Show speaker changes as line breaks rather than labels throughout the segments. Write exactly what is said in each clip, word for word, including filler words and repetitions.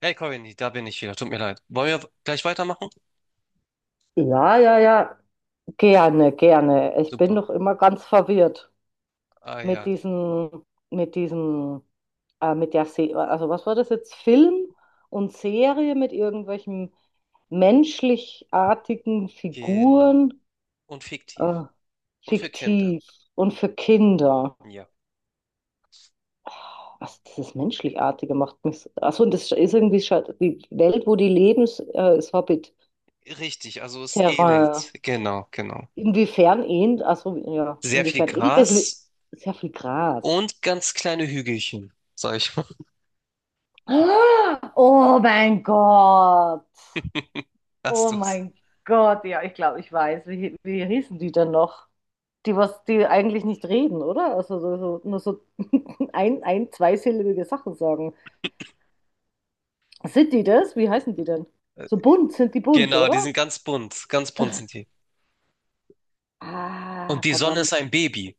Hey Corinne, da bin ich wieder. Tut mir leid. Wollen wir gleich weitermachen?
Ja, ja, ja, gerne, gerne. Ich bin
Super.
doch immer ganz verwirrt
Ah
mit
ja,
diesem, mit diesem, äh, mit der Se also was war das jetzt? Film und Serie mit irgendwelchen menschlichartigen
genau.
Figuren,
Und fiktiv.
äh,
Und für Kinder.
fiktiv und für Kinder.
Ja.
Was dieses Menschlichartige macht mich. so- Achso, und das ist irgendwie scha- die Welt, wo die leben, ist, äh, ist
Richtig, also es
Hobbit-Terrain.
ähnelt. Genau, genau.
Inwiefern ähnelt, also ja,
Sehr viel
inwiefern ähnelt das Li-
Gras
sehr viel Gras.
und ganz kleine Hügelchen, sag ich mal.
Ah, oh mein Gott.
Hast
Oh
du's?
mein Gott. Ja, ich glaube, ich weiß. Wie, wie hießen die denn noch? Die, was, die eigentlich nicht reden, oder? Also so, so, nur so ein, ein, zweisilbige Sachen sagen. Sind die das? Wie heißen die denn?
Äh,
So bunt, sind die bunt,
Genau, die
oder?
sind ganz bunt. Ganz bunt sind die. Und
Ah,
die Sonne
verdammt.
ist ein Baby.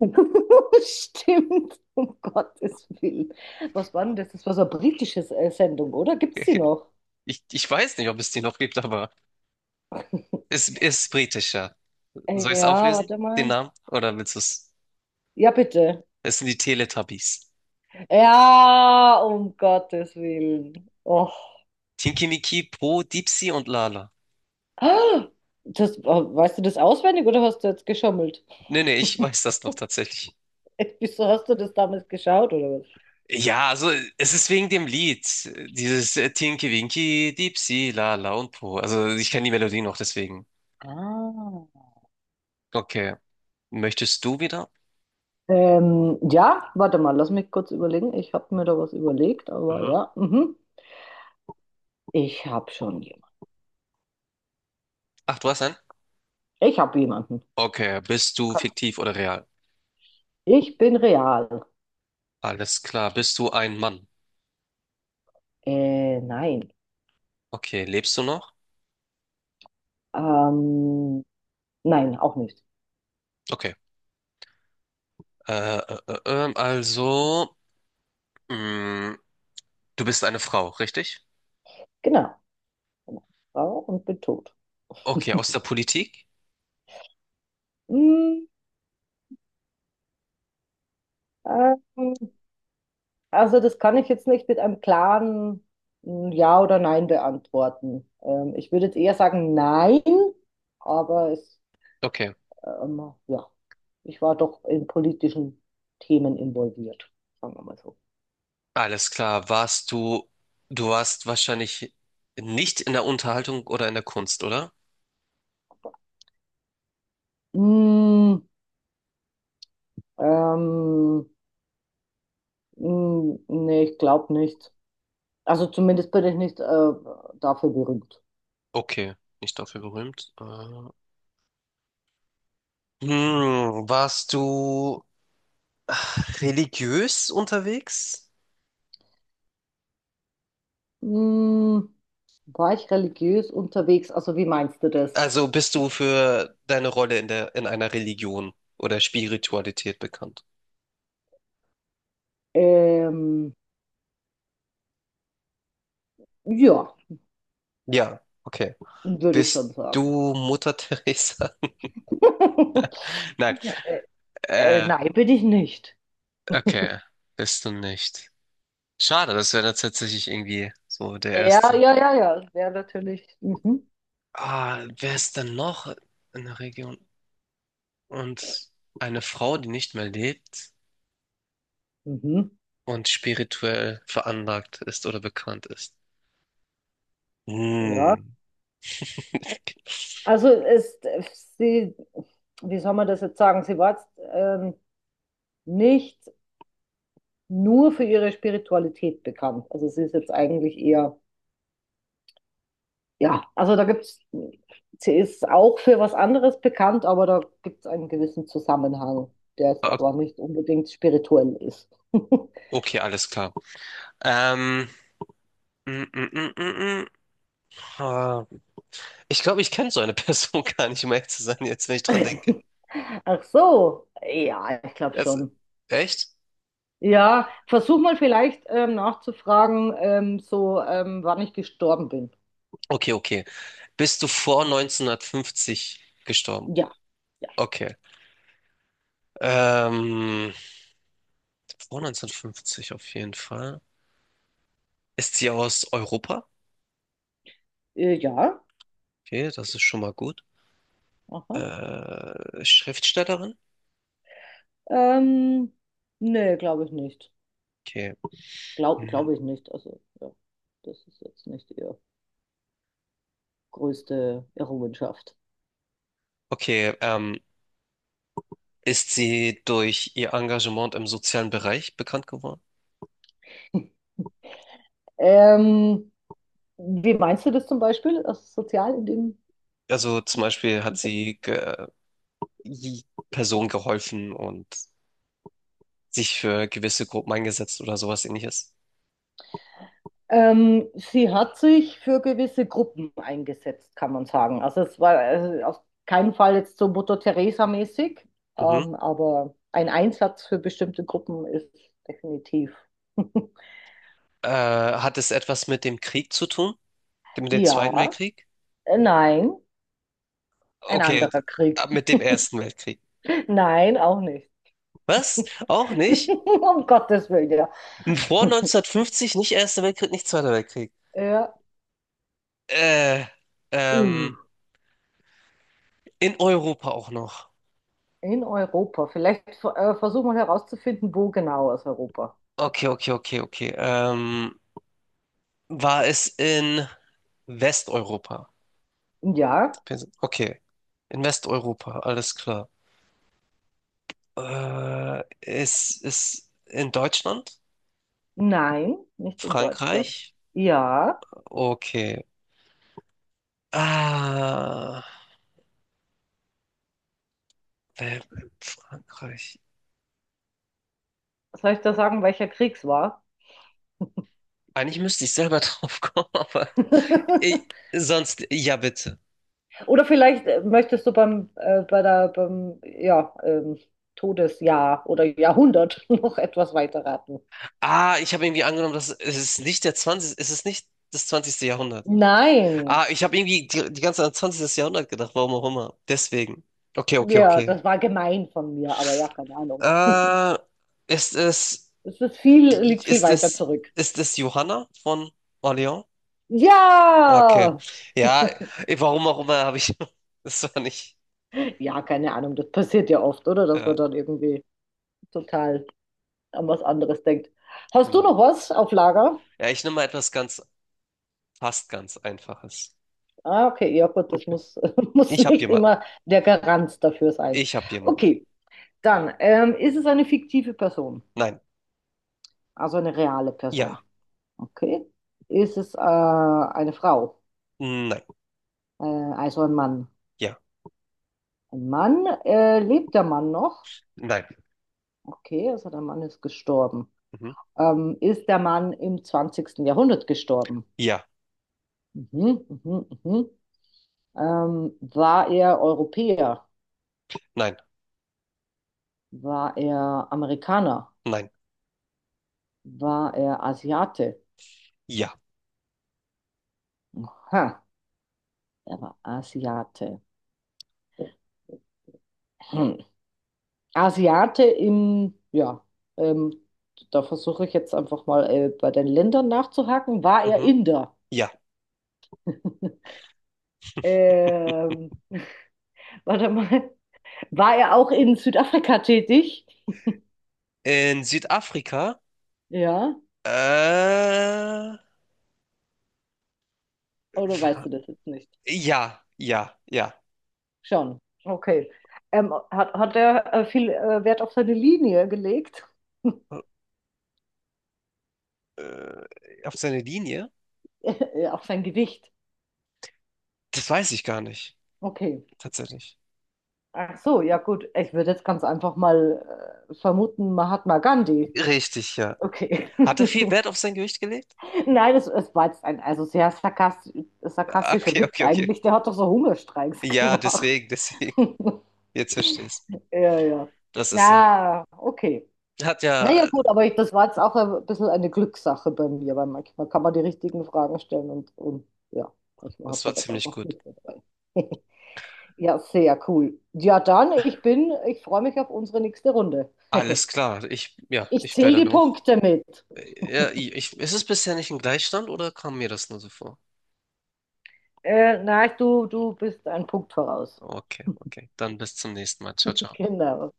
Stimmt, um Gottes Willen. Was war denn das? Das war so eine britische äh, Sendung, oder? Gibt's die noch?
Ich, ich weiß nicht, ob es die noch gibt, aber es ist britischer.
Äh,
Soll ich es
Ja,
auflösen?
warte
Den
mal.
Namen? Oder willst du es?
Ja, bitte.
Es sind die Teletubbies.
Ja, um Gottes Willen. Och.
Tinky Miki, Po, Dipsy und Lala.
Ah, das, oh, weißt du das auswendig oder hast du jetzt geschummelt?
Nee, nee, ich weiß das noch tatsächlich.
Wieso hast du das damals geschaut oder was?
Ja, also es ist wegen dem Lied. Dieses äh, Tinky Winky, Dipsy, Lala und Po. Also ich kenne die Melodie noch, deswegen.
Ah.
Okay. Möchtest du wieder?
Ähm, ja, warte mal, lass mich kurz überlegen. Ich habe mir da was überlegt, aber
Mhm.
ja, mhm. Ich habe schon jemanden.
Ach, du hast einen?
Ich habe jemanden.
Okay. Bist du fiktiv oder real?
Ich bin real.
Alles klar. Bist du ein Mann?
Äh, nein.
Okay. Lebst du noch?
Ähm, nein, auch nicht.
Okay. Äh, äh, äh, ähm, also, mh, du bist eine Frau, richtig?
Genau. Genau. Frau und bin tot.
Okay. Aus der Politik?
Hm, ähm, also das kann ich jetzt nicht mit einem klaren mm, Ja oder Nein beantworten. Ähm, ich würde jetzt eher sagen Nein, aber es,
Okay.
ähm, ja, ich war doch in politischen Themen involviert, sagen wir mal so.
Alles klar, warst du, du warst wahrscheinlich nicht in der Unterhaltung oder in der Kunst, oder?
Hm, ähm, hm, Nee, ich glaube nicht. Also zumindest bin ich nicht äh, dafür berühmt.
Okay, nicht dafür berühmt. Äh, hm, warst du religiös unterwegs?
Hm, war ich religiös unterwegs? Also wie meinst du das?
Also bist du für deine Rolle in der, in einer Religion oder Spiritualität bekannt?
Ähm, ja,
Ja, okay.
würde ich schon
Bist
sagen.
du Mutter Teresa? Nein,
äh, äh,
äh,
nein, bin ich nicht.
okay, bist du nicht. Schade, das wäre tatsächlich irgendwie so der
Ja,
erste.
ja, ja, ja. Ja, natürlich. Mhm.
Ah, wer ist denn noch in der Region? Und eine Frau, die nicht mehr lebt
Mhm.
und spirituell veranlagt ist oder bekannt ist.
Ja.
Hm.
Also es, sie, Wie soll man das jetzt sagen? Sie war jetzt ähm, nicht nur für ihre Spiritualität bekannt. Also sie ist jetzt eigentlich eher Ja, also da gibt's, sie ist auch für was anderes bekannt, aber da gibt es einen gewissen Zusammenhang, der jetzt
Ah,
aber nicht unbedingt spirituell ist.
okay, alles klar. Ähm, mm, mm, mm, mm, mm. Ah, ich glaube, ich kenne so eine Person gar nicht, um ehrlich zu sein, jetzt, wenn ich dran denke.
Ach so, ja, ich glaube
Das,
schon.
echt?
Ja, versuch mal vielleicht ähm, nachzufragen, ähm, so ähm, wann ich gestorben bin.
Okay, okay. Bist du vor neunzehnhundertfünfzig gestorben?
Ja, ja,
Okay. Ähm, vor neunzehnhundertfünfzig auf jeden Fall. Ist sie aus Europa?
äh, ja,
Okay, das ist schon mal gut.
aha.
Äh, Schriftstellerin?
Ähm, Nee, glaube ich nicht.
Okay.
Glaub,
Mhm.
glaube ich nicht. Also, ja, das ist jetzt nicht ihre größte Errungenschaft.
Okay, ähm, ist sie durch ihr Engagement im sozialen Bereich bekannt geworden?
Ähm, wie meinst du das zum Beispiel, also sozial in dem
Also zum Beispiel hat
Kontext?
sie ge i- Personen geholfen und sich für gewisse Gruppen eingesetzt oder sowas ähnliches.
Ähm, sie hat sich für gewisse Gruppen eingesetzt, kann man sagen. Also es war äh, auf keinen Fall jetzt so Mutter Teresa-mäßig,
Mhm.
ähm, aber ein Einsatz für bestimmte Gruppen ist definitiv.
Äh, hat es etwas mit dem Krieg zu tun? Mit dem Zweiten
Ja,
Weltkrieg?
äh, nein, ein
Okay, d-
anderer Krieg.
ab mit dem Ersten Weltkrieg.
Nein, auch nicht.
Was? Auch nicht?
Um Gottes Willen, ja.
Vor neunzehnhundertfünfzig nicht Erster Weltkrieg, nicht Zweiter Weltkrieg.
Ja,
Äh,
uh,
ähm, in Europa auch noch.
in Europa. Vielleicht äh, versuchen wir herauszufinden, wo genau aus Europa.
Okay, okay, okay, okay. Ähm, war es in Westeuropa?
Ja.
Wir sind- Okay, in Westeuropa, alles klar. Äh, ist es in Deutschland?
Nein, nicht in Deutschland.
Frankreich?
Ja,
Okay. Ah, wer- Frankreich.
soll ich da sagen, welcher Krieg es war?
Eigentlich müsste ich selber drauf kommen, aber ich, sonst, ja bitte.
Oder vielleicht äh, möchtest du beim, äh, bei der, beim, ja, ähm, Todesjahr oder Jahrhundert noch etwas weiter raten.
Ah, ich habe irgendwie angenommen, dass es ist nicht der zwanzigsten, es ist nicht das zwanzigste Jahrhundert.
Nein,
Ah, ich habe irgendwie die, die ganze Zeit an zwanzigstes. Jahrhundert gedacht, warum auch immer. Deswegen. Okay, okay,
ja,
okay.
das war gemein von mir, aber ja, keine Ahnung.
Äh, ist es,
Es ist viel, liegt viel
ist
weiter
es,
zurück.
ist es Johanna von Orléans? Okay.
Ja!
Ja, eh, warum auch immer habe ich, das war nicht,
Ja, keine Ahnung, das passiert ja oft, oder? Dass
ja,
man dann irgendwie total an was anderes denkt. Hast du
genau.
noch was auf Lager?
Ja, ich nehme mal etwas ganz, fast ganz Einfaches.
Ah, okay, ja gut, das
Okay.
muss, muss
Ich habe
nicht
jemanden.
immer der Garant dafür sein.
Ich habe jemanden.
Okay, dann ähm, ist es eine fiktive Person,
Nein.
also eine reale
Ja.
Person. Okay, ist es äh, eine Frau,
Nein.
äh, also ein Mann.
Ja.
Ein Mann, äh, lebt der Mann noch?
Nein.
Okay, also der Mann ist gestorben.
Mhm.
Ähm, ist der Mann im zwanzigsten Jahrhundert gestorben?
Ja.
Mhm, mhm, mhm. Ähm, war er Europäer?
Nein.
War er Amerikaner?
Nein.
War er Asiate?
Ja,
Aha, er war Asiate. Hm. Asiate im, ja, ähm, Da versuche ich jetzt einfach mal äh, bei den Ländern nachzuhaken. War er
mhm.
Inder?
Ja.
Ähm, Warte mal. War er auch in Südafrika tätig?
In Südafrika?
Ja,
Äh,
oder weißt
wa-
du das jetzt nicht?
ja, ja, ja.
Schon. Okay. Ähm, hat, hat er äh, viel äh, Wert auf seine Linie gelegt?
Äh, auf seine Linie?
Auf sein Gewicht.
Das weiß ich gar nicht,
Okay.
tatsächlich.
Ach so, ja gut. Ich würde jetzt ganz einfach mal äh, vermuten, Mahatma Gandhi.
Richtig, ja.
Okay.
Hat er viel Wert auf sein Gewicht gelegt?
Nein, es, es war jetzt ein also sehr sarkastisch,
Ah,
sarkastischer
okay,
Witz
okay, okay.
eigentlich. Der hat doch so Hungerstreiks
Ja,
gemacht.
deswegen, deswegen. Jetzt verstehst du.
Ja, ja.
Das ist er.
Na, okay.
Hat ja,
Naja, gut, aber ich, das war jetzt auch ein bisschen eine Glückssache bei mir, weil manchmal kann man die richtigen Fragen stellen und, und ja, manchmal
das
hat
war
man ganz
ziemlich
einfach
gut.
Glück dabei. Ja, sehr cool. Ja, dann, ich bin, ich freue mich auf unsere nächste Runde.
Alles klar. Ich, ja,
Ich
ich wäre
zähle die
dann auch.
Punkte mit.
Ja, ich, ist es bisher nicht ein Gleichstand oder kam mir das nur so vor?
Äh, nein, du, du bist einen Punkt voraus.
Okay, okay. Dann bis zum nächsten Mal. Ciao, ciao.
Genau.